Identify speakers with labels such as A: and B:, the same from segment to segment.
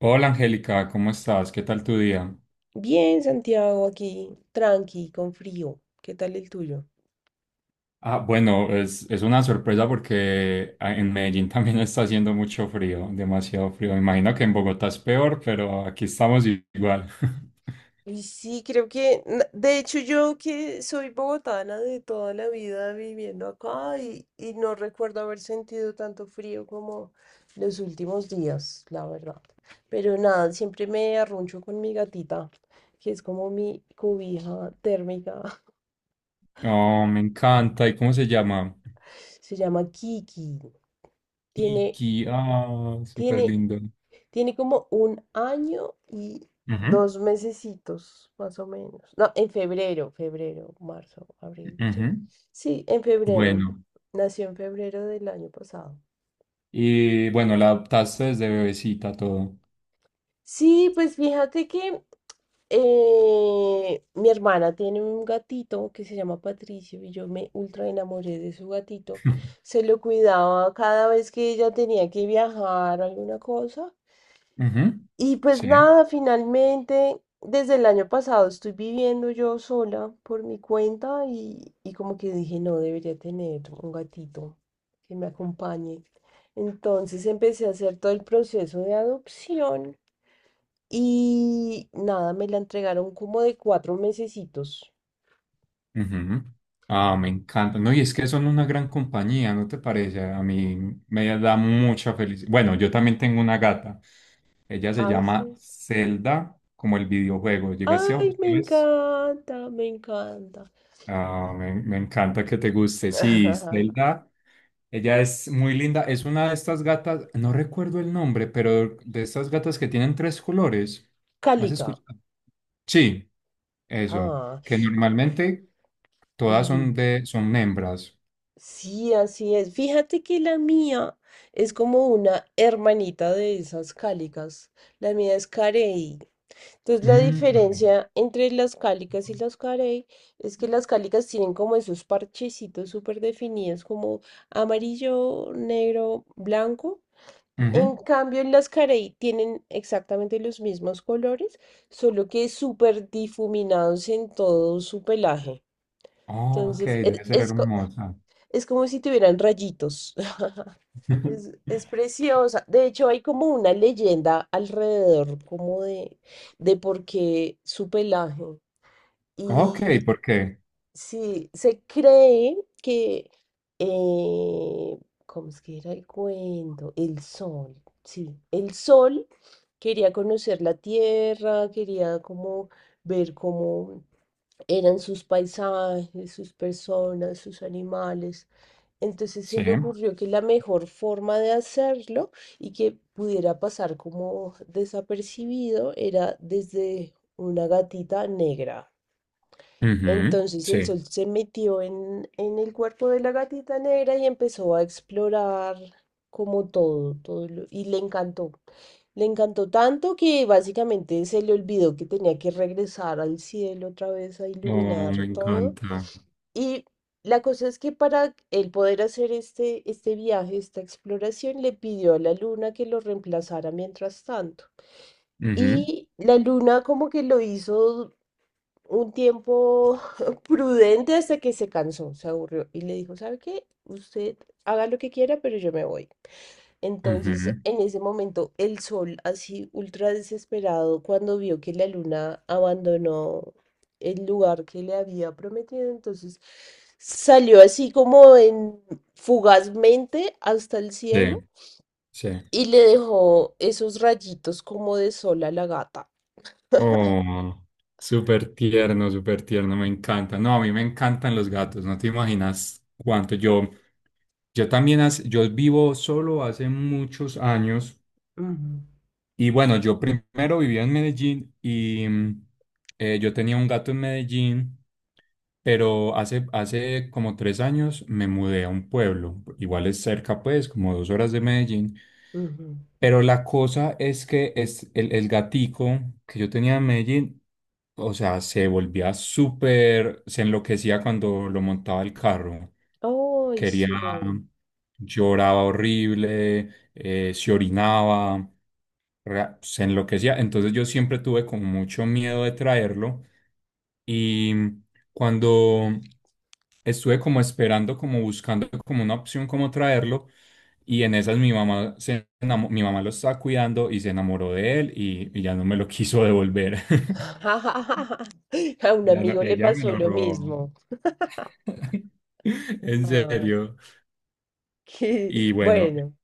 A: Hola Angélica, ¿cómo estás? ¿Qué tal tu día?
B: Bien, Santiago, aquí, tranqui, con frío. ¿Qué tal el tuyo?
A: Ah, bueno, es una sorpresa porque en Medellín también está haciendo mucho frío, demasiado frío. Imagino que en Bogotá es peor, pero aquí estamos igual.
B: Y sí, creo que, de hecho yo que soy bogotana de toda la vida viviendo acá y no recuerdo haber sentido tanto frío como los últimos días, la verdad. Pero nada, siempre me arruncho con mi gatita, que es como mi cobija térmica.
A: Oh, me encanta. ¿Y cómo se llama?
B: Se llama Kiki. Tiene,
A: Kiki. Ah, súper
B: tiene,
A: lindo.
B: tiene como un año y
A: Ujú,
B: 2 mesecitos, más o menos. No, en febrero, febrero, marzo, abril, sí.
A: ujú.
B: Sí, en febrero.
A: Bueno,
B: Nació en febrero del año pasado.
A: y bueno, la adoptaste desde bebecita todo.
B: Sí, pues fíjate que mi hermana tiene un gatito que se llama Patricio y yo me ultra enamoré de su gatito. Se lo cuidaba cada vez que ella tenía que viajar o alguna cosa.
A: Ujú,
B: Y pues
A: sí.
B: nada, finalmente, desde el año pasado estoy viviendo yo sola por mi cuenta y como que dije, no, debería tener un gatito que me acompañe. Entonces empecé a hacer todo el proceso de adopción y nada, me la entregaron como de 4 mesecitos.
A: Ujú. Ah, me encanta. No, y es que son una gran compañía, ¿no te parece? A mí me da mucha felicidad. Bueno, yo también tengo una gata. Ella se llama
B: Hace...
A: Zelda, como el videojuego. ¿Llegaste a
B: Ay, me
A: ustedes?
B: encanta, me encanta.
A: Ah, me encanta que te guste. Sí, Zelda. Ella es muy linda. Es una de estas gatas, no recuerdo el nombre, pero de estas gatas que tienen tres colores. ¿Me has
B: Cálica.
A: escuchado? Sí, eso.
B: Ah,
A: Que normalmente todas
B: ujú.
A: son son hembras.
B: Sí, así es. Fíjate que la mía es como una hermanita de esas cálicas. La mía es carey. Entonces, la
A: Mm, ok.
B: diferencia entre las cálicas y las carey es que las cálicas tienen como esos parchecitos súper definidos, como amarillo, negro, blanco.
A: Ujú.
B: En cambio, las carey tienen exactamente los mismos colores, solo que súper difuminados en todo su pelaje.
A: Ok,
B: Entonces,
A: debe ser hermosa.
B: es como si tuvieran rayitos. Es preciosa. De hecho, hay como una leyenda alrededor, como de por qué su pelaje.
A: Ok,
B: Y
A: ¿por qué?
B: sí, se cree que, eh, ¿cómo es que era el cuento? El sol, sí. El sol quería conocer la tierra, quería como ver cómo eran sus paisajes, sus personas, sus animales. Entonces se
A: Sí.
B: le ocurrió que la mejor forma de hacerlo y que pudiera pasar como desapercibido era desde una gatita negra.
A: Ujú,
B: Entonces el
A: sí.
B: sol se metió en el cuerpo de la gatita negra y empezó a explorar como todo, y le encantó. Le encantó tanto que básicamente se le olvidó que tenía que regresar al cielo otra vez a
A: Oh,
B: iluminar
A: me
B: todo.
A: encanta.
B: Y la cosa es que para él poder hacer este viaje, esta exploración, le pidió a la luna que lo reemplazara mientras tanto.
A: Ujú,
B: Y la luna como que lo hizo un tiempo prudente hasta que se cansó, se aburrió y le dijo, ¿sabe qué? Usted haga lo que quiera, pero yo me voy. Entonces,
A: ujú,
B: en ese momento, el sol, así ultra desesperado, cuando vio que la luna abandonó el lugar que le había prometido, entonces salió así como en fugazmente hasta el
A: sí,
B: cielo
A: sí.
B: y le dejó esos rayitos como de sol a la gata.
A: Oh, súper tierno, me encanta. No, a mí me encantan los gatos, no te imaginas cuánto. Yo también, yo vivo solo hace muchos años.
B: Ujú,
A: Y bueno, yo primero vivía en Medellín y yo tenía un gato en Medellín, pero hace como 3 años me mudé a un pueblo, igual es cerca pues, como 2 horas de Medellín,
B: ujú.
A: pero la cosa es que es el gatico que yo tenía en Medellín, o sea, se volvía súper, se enloquecía cuando lo montaba el carro,
B: Ay,
A: quería,
B: sí.
A: lloraba horrible, se orinaba, se enloquecía. Entonces yo siempre tuve como mucho miedo de traerlo. Y cuando estuve como esperando, como buscando como una opción como traerlo, y en esas mi mamá mi mamá lo estaba cuidando y se enamoró de él y ya no me lo quiso devolver.
B: A un
A: Ya no,
B: amigo le
A: ella me
B: pasó
A: lo
B: lo
A: robó.
B: mismo.
A: En
B: Ah,
A: serio.
B: qué
A: Y bueno,
B: bueno.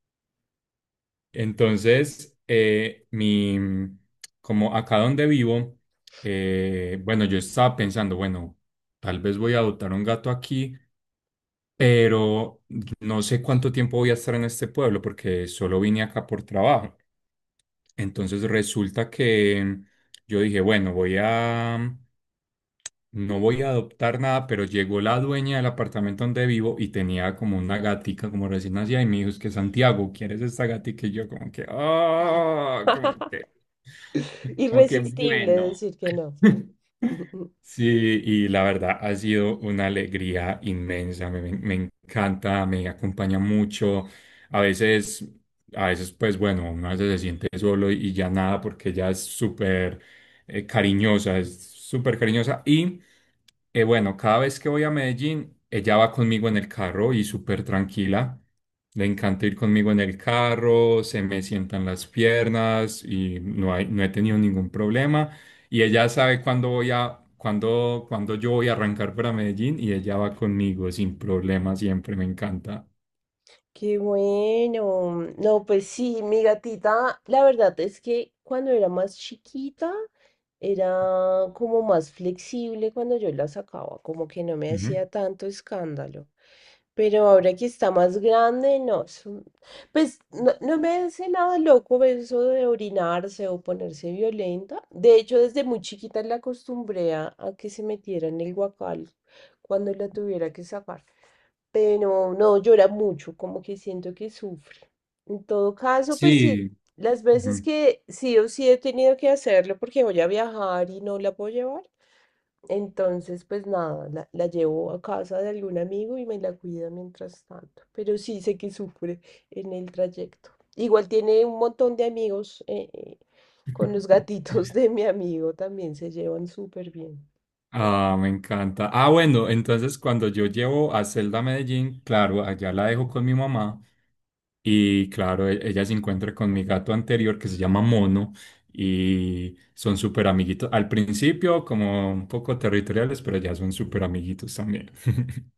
A: entonces, como acá donde vivo, bueno, yo estaba pensando, bueno, tal vez voy a adoptar un gato aquí, pero no sé cuánto tiempo voy a estar en este pueblo porque solo vine acá por trabajo. Entonces resulta que yo dije, bueno, voy a no voy a adoptar nada, pero llegó la dueña del apartamento donde vivo y tenía como una gatica como recién nacida y me dijo, es que Santiago, ¿quieres esta gatica? Y yo como que, oh, como que, como que
B: Irresistible
A: bueno.
B: decir que no.
A: Sí, y la verdad ha sido una alegría inmensa, me encanta, me acompaña mucho. A veces, a veces pues bueno, uno a veces se siente solo y ya nada porque ya es súper cariñosa, es súper cariñosa. Y bueno, cada vez que voy a Medellín, ella va conmigo en el carro y súper tranquila. Le encanta ir conmigo en el carro, se me sientan las piernas y no he tenido ningún problema. Y ella sabe cuándo yo voy a arrancar para Medellín y ella va conmigo sin problema siempre, me encanta.
B: Qué bueno. No, pues sí, mi gatita, la verdad es que cuando era más chiquita, era como más flexible cuando yo la sacaba, como que no me hacía
A: Ujú.
B: tanto escándalo. Pero ahora que está más grande, no. Pues no, no me hace nada loco eso de orinarse o ponerse violenta. De hecho, desde muy chiquita la acostumbré a que se metiera en el guacal cuando la tuviera que sacar, pero no llora mucho, como que siento que sufre. En todo caso, pues sí,
A: Sí.
B: las veces
A: Ujú.
B: que sí o sí he tenido que hacerlo porque voy a viajar y no la puedo llevar, entonces pues nada, la llevo a casa de algún amigo y me la cuida mientras tanto, pero sí sé que sufre en el trayecto. Igual tiene un montón de amigos, con los gatitos de mi amigo, también se llevan súper bien.
A: Ah, me encanta. Ah, bueno, entonces cuando yo llevo a Zelda a Medellín, claro, allá la dejo con mi mamá y claro, ella se encuentra con mi gato anterior que se llama Mono y son súper amiguitos. Al principio como un poco territoriales, pero ya son súper amiguitos también.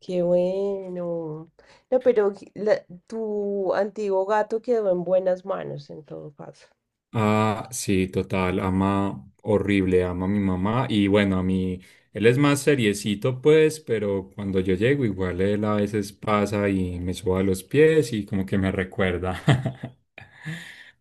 B: Qué bueno. No, pero que tu antiguo gato quedó en buenas manos en todo caso.
A: Ah, sí, total, ama horrible, ama a mi mamá y bueno, a mí, él es más seriecito pues, pero cuando yo llego igual él a veces pasa y me suba a los pies y como que me recuerda.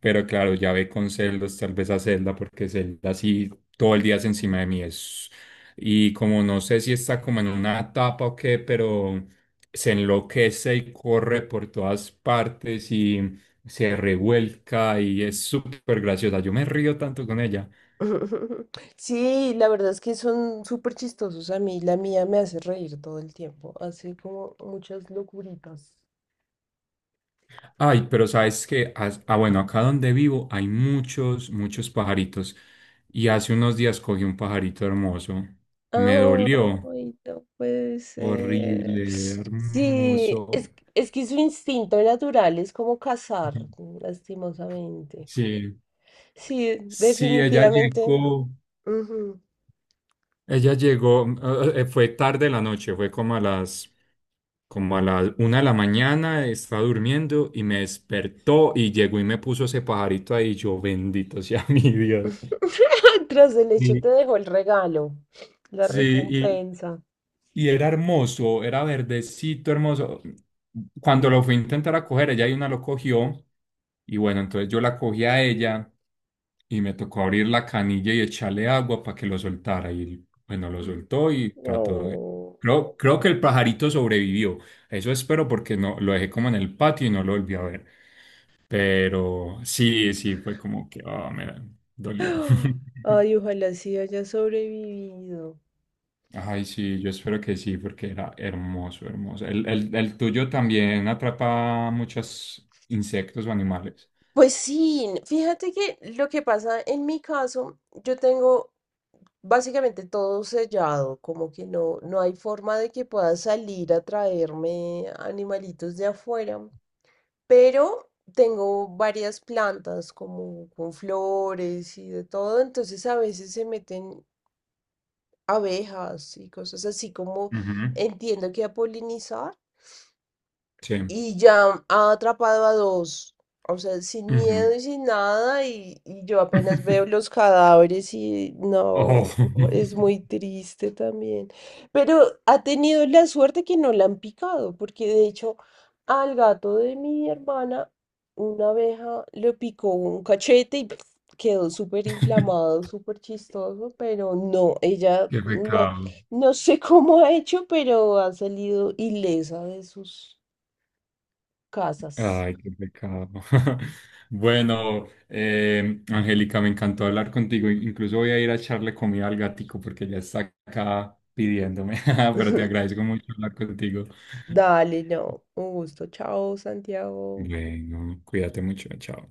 A: Pero claro, ya ve con celos tal vez a Zelda porque Zelda sí todo el día es encima de mí es. Y como no sé si está como en una etapa o qué, pero se enloquece y corre por todas partes y se revuelca y es súper graciosa. Yo me río tanto con ella.
B: Sí, la verdad es que son súper chistosos a mí. La mía me hace reír todo el tiempo. Hace como muchas locuritas.
A: Ay, pero sabes que, bueno, acá donde vivo hay muchos, muchos pajaritos. Y hace unos días cogí un pajarito hermoso. Me dolió.
B: Ay, no puede ser.
A: Horrible,
B: Sí, es,
A: hermoso.
B: es que su instinto natural es como cazar, lastimosamente.
A: Sí,
B: Sí,
A: sí, ella
B: definitivamente.
A: llegó.
B: Ujú.
A: Ella llegó, fue tarde la noche, fue como a las 1 de la mañana, estaba durmiendo y me despertó y llegó y me puso ese pajarito ahí, yo bendito sea mi Dios.
B: Tras el hecho
A: Y,
B: te dejó el regalo, la
A: sí.
B: recompensa.
A: Y era hermoso, era verdecito, hermoso. Cuando lo fui a intentar a coger, ella y una lo cogió. Y bueno, entonces yo la cogí a ella y me tocó abrir la canilla y echarle agua para que lo soltara. Y bueno, lo soltó y trató de.
B: No.
A: Creo que el pajarito sobrevivió. Eso espero porque no lo dejé como en el patio y no lo volví a ver. Pero sí, sí, fue como que, me dolió.
B: Ay, ojalá sí haya sobrevivido.
A: Ay, sí, yo espero que sí, porque era hermoso, hermoso. ¿El tuyo también atrapa muchos insectos o animales?
B: Pues sí, fíjate que lo que pasa en mi caso, yo tengo básicamente todo sellado, como que no, no hay forma de que pueda salir a traerme animalitos de afuera, pero tengo varias plantas como con flores y de todo, entonces a veces se meten abejas y cosas así como
A: Ujú,
B: entiendo que a polinizar
A: sí.
B: y ya ha atrapado a dos, o sea, sin
A: Ujú.
B: miedo y sin nada, y yo apenas veo los cadáveres y no,
A: Oh,
B: es muy triste también. Pero ha tenido la suerte que no la han picado, porque de hecho al gato de mi hermana una abeja le picó un cachete y ¡puf! Quedó súper inflamado, súper chistoso, pero no, ella
A: qué
B: no,
A: pecado.
B: no sé cómo ha hecho, pero ha salido ilesa de sus casas.
A: Ay, qué pecado. Bueno, Angélica, me encantó hablar contigo. Incluso voy a ir a echarle comida al gatico porque ya está acá pidiéndome. Pero te agradezco mucho hablar contigo.
B: Dale, no, un gusto. Chao, Santiago.
A: Bueno, cuídate mucho, chao.